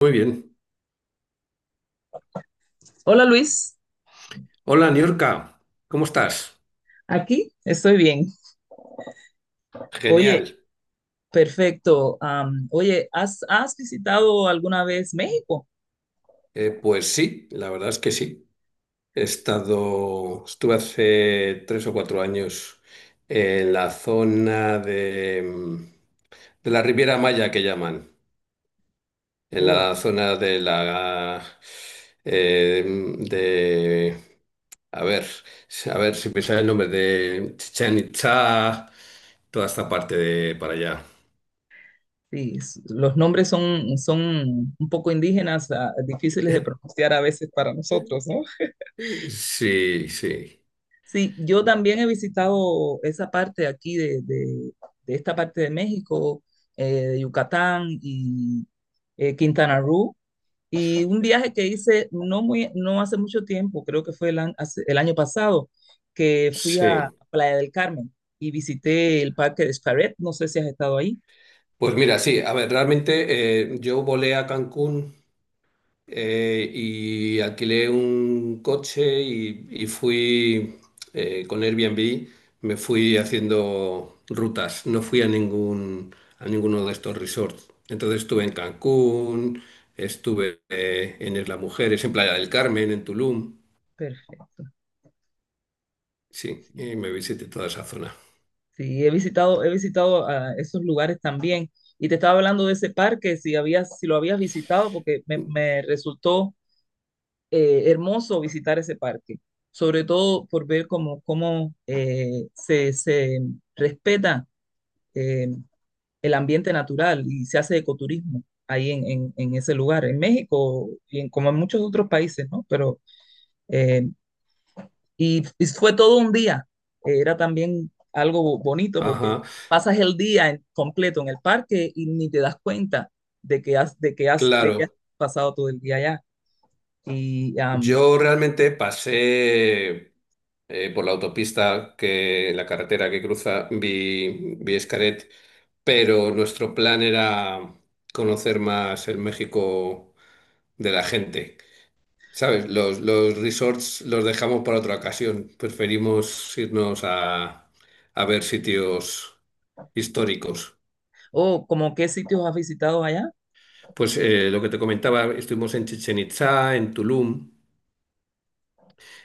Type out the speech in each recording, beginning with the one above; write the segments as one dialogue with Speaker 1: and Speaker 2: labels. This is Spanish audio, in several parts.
Speaker 1: Muy bien.
Speaker 2: Hola, Luis,
Speaker 1: Hola, Niorca, ¿cómo estás?
Speaker 2: aquí estoy bien. Oye,
Speaker 1: Genial.
Speaker 2: perfecto. ¿Has visitado alguna vez México?
Speaker 1: Pues sí, la verdad es que sí. Estuve hace 3 o 4 años en la zona de de la Riviera Maya que llaman, en
Speaker 2: Uh,
Speaker 1: la zona de la eh, de a ver, a ver si me sale el nombre de Chichén Itzá, toda esta parte de para allá.
Speaker 2: sí, los nombres son un poco indígenas, difíciles de pronunciar a veces para nosotros, ¿no?
Speaker 1: Sí, sí.
Speaker 2: Sí, yo también he visitado esa parte aquí de esta parte de México, de Yucatán y Quintana Roo. Y un viaje que hice no hace mucho tiempo, creo que fue el año pasado, que fui
Speaker 1: Sí,
Speaker 2: a Playa del Carmen y visité el Parque de Xcaret. No sé si has estado ahí.
Speaker 1: pues mira, sí, a ver, realmente yo volé a Cancún, y alquilé un coche y fui con Airbnb, me fui haciendo rutas, no fui a ninguno de estos resorts. Entonces estuve en Cancún, estuve en Isla Mujeres, en Playa del Carmen, en Tulum,
Speaker 2: Perfecto.
Speaker 1: sí,
Speaker 2: Sí.
Speaker 1: y me visité toda esa zona.
Speaker 2: Sí, he visitado, he visitado, esos lugares también. Y te estaba hablando de ese parque, si habías, si lo habías visitado, porque me resultó hermoso visitar ese parque, sobre todo por ver cómo, cómo, se respeta eh, el ambiente natural y se hace ecoturismo ahí en ese lugar, en México y en, como en muchos otros países, ¿no? Pero, eh, y fue todo un día, era también algo bonito porque
Speaker 1: Ajá,
Speaker 2: pasas el día completo en el parque y ni te das cuenta de que has
Speaker 1: claro,
Speaker 2: pasado todo el día allá. Y am,
Speaker 1: yo realmente pasé por la autopista que la carretera que cruza vi Xcaret, pero nuestro plan era conocer más el México de la gente. ¿Sabes? Los resorts los dejamos para otra ocasión. Preferimos irnos a ver sitios históricos.
Speaker 2: o como qué sitios has visitado allá.
Speaker 1: Pues lo que te comentaba, estuvimos en Chichen Itzá, en Tulum.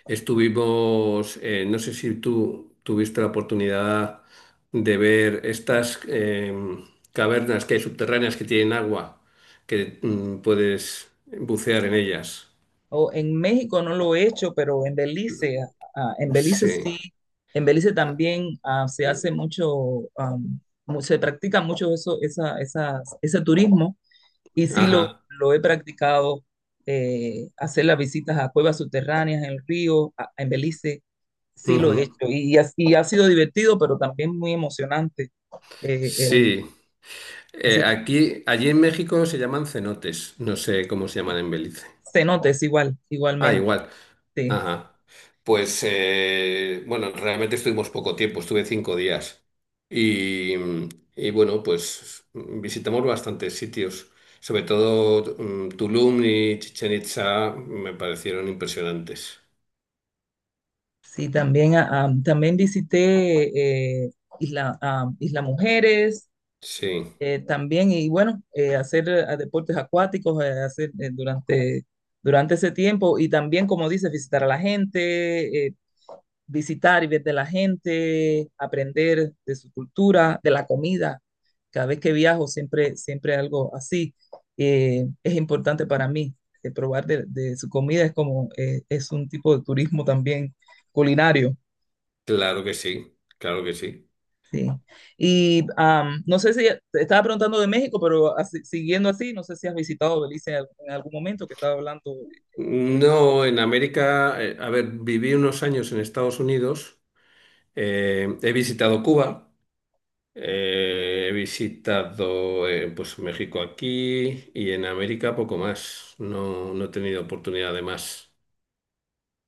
Speaker 1: Estuvimos, no sé si tú tuviste la oportunidad de ver estas cavernas que hay subterráneas que tienen agua, que puedes bucear en ellas.
Speaker 2: O en México no lo he hecho, pero en Belice, en Belice
Speaker 1: Sí.
Speaker 2: sí, en Belice también, se hace mucho, se practica mucho eso, ese turismo y sí
Speaker 1: Ajá.
Speaker 2: lo he practicado, hacer las visitas a cuevas subterráneas en el río, en Belice, sí lo he
Speaker 1: Ujú.
Speaker 2: hecho y, ha sido divertido, pero también muy emocionante, eh, el,
Speaker 1: Sí.
Speaker 2: ese tipo
Speaker 1: Aquí, allí en México se llaman cenotes. No sé cómo se llaman en Belice.
Speaker 2: de cenotes,
Speaker 1: Ah,
Speaker 2: igualmente,
Speaker 1: igual.
Speaker 2: sí.
Speaker 1: Ajá. Pues, bueno, realmente estuvimos poco tiempo, estuve 5 días. Y, y bueno, pues visitamos bastantes sitios, sobre todo Tulum y Chichen Itza me parecieron impresionantes.
Speaker 2: Sí, también, también visité, Isla Mujeres,
Speaker 1: Sí,
Speaker 2: también, y bueno, hacer deportes acuáticos, durante ese tiempo, y también, como dices, visitar a la gente, visitar y ver de la gente, aprender de su cultura, de la comida. Cada vez que viajo, siempre, siempre algo así es importante para mí. Probar su comida es como, es un tipo de turismo también culinario.
Speaker 1: claro que sí, claro que sí.
Speaker 2: Sí. No sé si te estaba preguntando de México, pero así, siguiendo así, no sé si has visitado Belice en algún momento que estaba hablando. De Belice.
Speaker 1: No, en América, a ver, viví unos años en Estados Unidos, he visitado Cuba. He visitado pues México aquí y en América poco más. No, no he tenido oportunidad de más.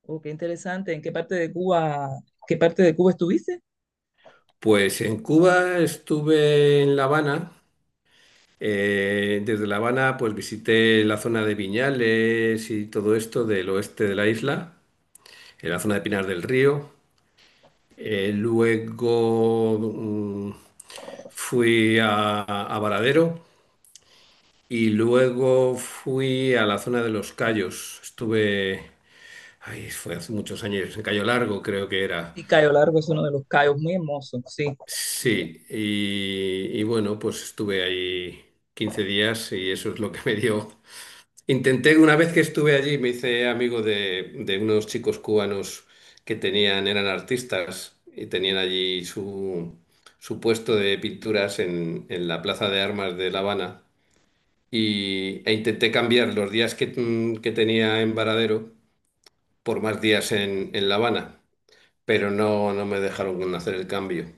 Speaker 2: Oh, qué interesante. ¿En qué parte de Cuba, qué parte de Cuba estuviste?
Speaker 1: Pues en Cuba estuve en La Habana. Desde La Habana pues visité la zona de Viñales y todo esto del oeste de la isla, en la zona de Pinar del Río. Eh, luego fui a Varadero y luego fui a la zona de Los Cayos. Estuve, ay, fue hace muchos años, en Cayo Largo creo que era.
Speaker 2: Sí, Cayo Largo es uno de los cayos muy hermosos, sí.
Speaker 1: Sí, y bueno, pues estuve ahí 15 días y eso es lo que me dio. Intenté, una vez que estuve allí, me hice amigo de unos chicos cubanos que tenían, eran artistas y tenían allí su, su puesto de pinturas en la Plaza de Armas de La Habana. Y, e intenté cambiar los que tenía en Varadero por más días en La Habana, pero no, no me dejaron hacer el cambio.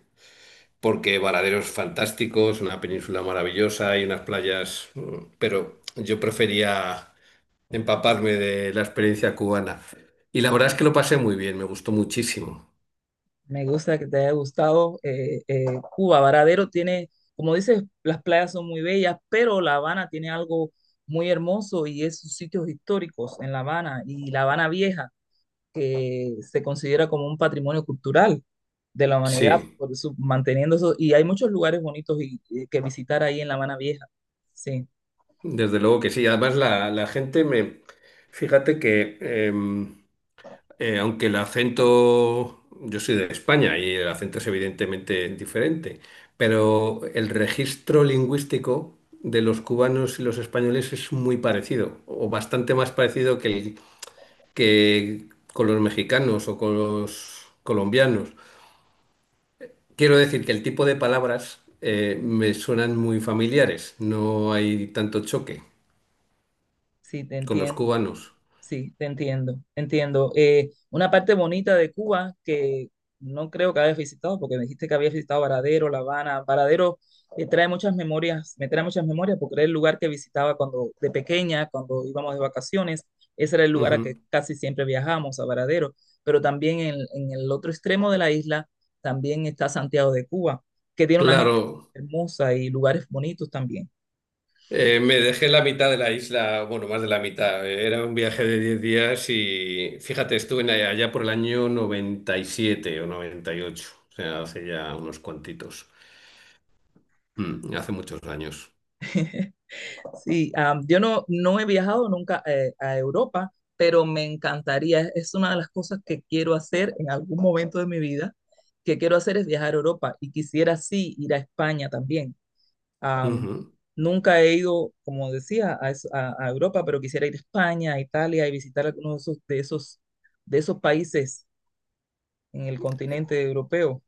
Speaker 1: Porque Varaderos fantásticos, una península maravillosa y unas playas, mm, pero yo prefería empaparme de la experiencia cubana. Y la verdad es que lo pasé muy bien, me gustó muchísimo.
Speaker 2: Me gusta que te haya gustado. Cuba, Varadero tiene, como dices, las playas son muy bellas, pero La Habana tiene algo muy hermoso y es sus sitios históricos en La Habana y La Habana Vieja, que se considera como un patrimonio cultural de la humanidad,
Speaker 1: Sí,
Speaker 2: por eso, manteniendo eso. Y hay muchos lugares bonitos y que visitar ahí en La Habana Vieja. Sí,
Speaker 1: desde luego que sí. Además la gente me… Fíjate que… aunque el acento, yo soy de España y el acento es evidentemente diferente, pero el registro lingüístico de los cubanos y los españoles es muy parecido, o bastante más parecido que con los mexicanos o con los colombianos. Quiero decir que el tipo de palabras me suenan muy familiares, no hay tanto choque
Speaker 2: sí, te
Speaker 1: con los
Speaker 2: entiendo.
Speaker 1: cubanos.
Speaker 2: Sí, te entiendo, entiendo. Una parte bonita de Cuba que no creo que hayas visitado, porque me dijiste que habías visitado Varadero, La Habana. Varadero, trae muchas memorias, me trae muchas memorias porque era el lugar que visitaba cuando de pequeña, cuando íbamos de vacaciones. Ese era el lugar a que
Speaker 1: Ujú.
Speaker 2: casi siempre viajamos, a Varadero. Pero también en el otro extremo de la isla también está Santiago de Cuba, que tiene una gente
Speaker 1: Claro.
Speaker 2: hermosa y lugares bonitos también.
Speaker 1: Me dejé la mitad de la isla, bueno, más de la mitad. Era un viaje de 10 días y fíjate, estuve en allá por el año 97 o noventa y ocho, o sea, hace ya unos cuantitos. Mm, hace muchos años.
Speaker 2: Yo no he viajado nunca, a Europa, pero me encantaría. Es una de las cosas que quiero hacer en algún momento de mi vida, que quiero hacer es viajar a Europa y quisiera sí ir a España también. Am,
Speaker 1: Ujú.
Speaker 2: Nunca he ido, como decía, a Europa, pero quisiera ir a España, a Italia y visitar algunos de esos países en el continente europeo.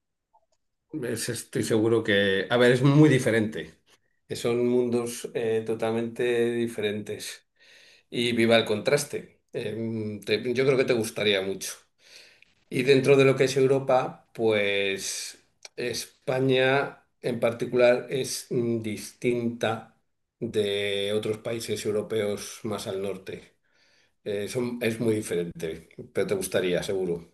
Speaker 1: Estoy seguro que, a ver, es muy diferente. Son mundos totalmente diferentes. Y viva el contraste. Yo creo que te gustaría mucho. Y dentro de lo que es Europa, pues España en particular es distinta de otros países europeos más al norte. Es muy diferente, pero te gustaría, seguro.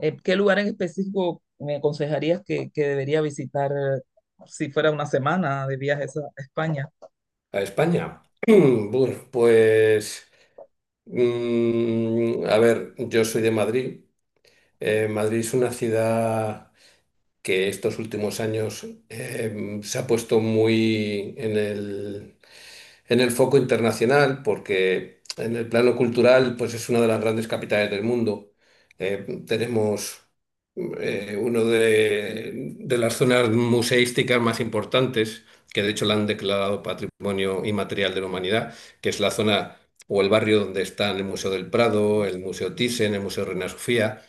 Speaker 2: ¿Qué lugar en específico me aconsejarías que debería visitar, si fuera una semana de viajes a España?
Speaker 1: ¿A España? Bueno, pues, a ver, yo soy de Madrid. Madrid es una ciudad que estos últimos años se ha puesto muy en el, en el foco internacional, porque en el plano cultural, pues es una de las grandes capitales del mundo. Tenemos de las zonas museísticas más importantes, que de hecho la han declarado Patrimonio Inmaterial de la Humanidad, que es la zona o el barrio donde están el Museo del Prado, el Museo Thyssen, el Museo Reina Sofía.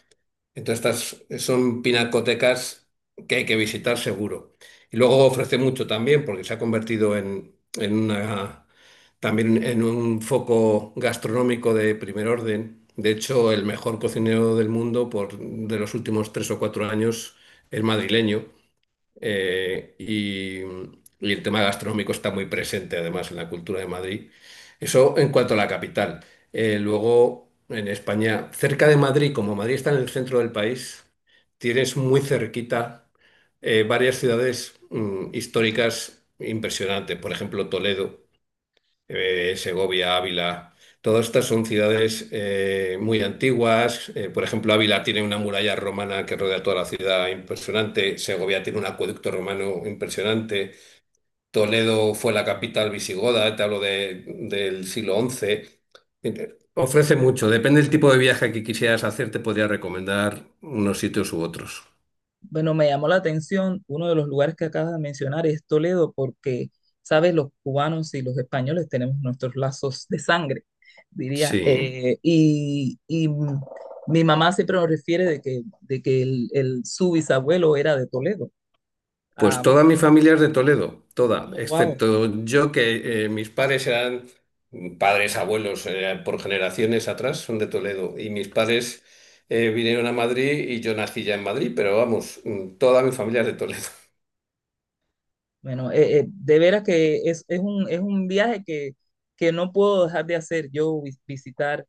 Speaker 1: Entonces, estas son pinacotecas que hay que visitar seguro. Y luego ofrece mucho también, porque se ha convertido también en un foco gastronómico de primer orden. De hecho, el mejor cocinero del mundo de los últimos 3 o 4 años es madrileño, eh, y, y el tema gastronómico está muy presente además en la cultura de Madrid. Eso en cuanto a la capital. Luego, en España, cerca de Madrid, como Madrid está en el centro del país, tienes muy cerquita varias ciudades históricas impresionantes. Por ejemplo, Toledo, Segovia, Ávila. Todas estas son ciudades muy antiguas. Por ejemplo, Ávila tiene una muralla romana que rodea toda la ciudad impresionante. Segovia tiene un acueducto romano impresionante. Toledo fue la capital visigoda, del siglo once. Ofrece mucho. Depende del tipo de viaje que quisieras hacer, te podría recomendar unos sitios u otros.
Speaker 2: Bueno, me llamó la atención uno de los lugares que acabas de mencionar es Toledo, porque, sabes, los cubanos y los españoles tenemos nuestros lazos de sangre, diría.
Speaker 1: Sí.
Speaker 2: Mi mamá siempre nos refiere de que, su bisabuelo era de Toledo.
Speaker 1: Pues
Speaker 2: Ah,
Speaker 1: toda mi familia es de Toledo, toda,
Speaker 2: wow.
Speaker 1: excepto yo que mis padres eran padres, abuelos, por generaciones atrás, son de Toledo. Y mis padres vinieron a Madrid y yo nací ya en Madrid, pero vamos, toda mi familia es de Toledo.
Speaker 2: Bueno, de veras que es un viaje que no puedo dejar de hacer. Yo visitar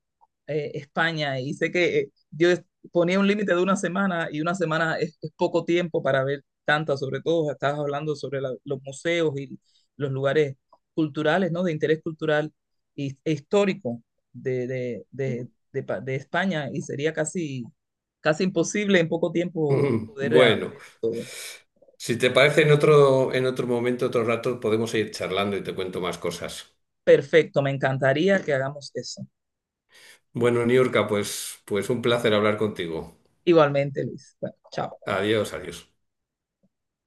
Speaker 2: España y sé que ponía un límite de una semana y una semana es poco tiempo para ver tantas, sobre todo estabas hablando sobre los museos y los lugares culturales, ¿no? De interés cultural y, e histórico de España y sería casi, casi imposible en poco tiempo
Speaker 1: Mm,
Speaker 2: poder
Speaker 1: bueno,
Speaker 2: ver todo.
Speaker 1: si te parece en otro momento, otro rato, podemos seguir charlando y te cuento más cosas.
Speaker 2: Perfecto, me encantaría que hagamos eso.
Speaker 1: Bueno, Niurka, pues, pues un placer hablar contigo.
Speaker 2: Igualmente, Luis. Bueno, chao.
Speaker 1: Adiós, adiós.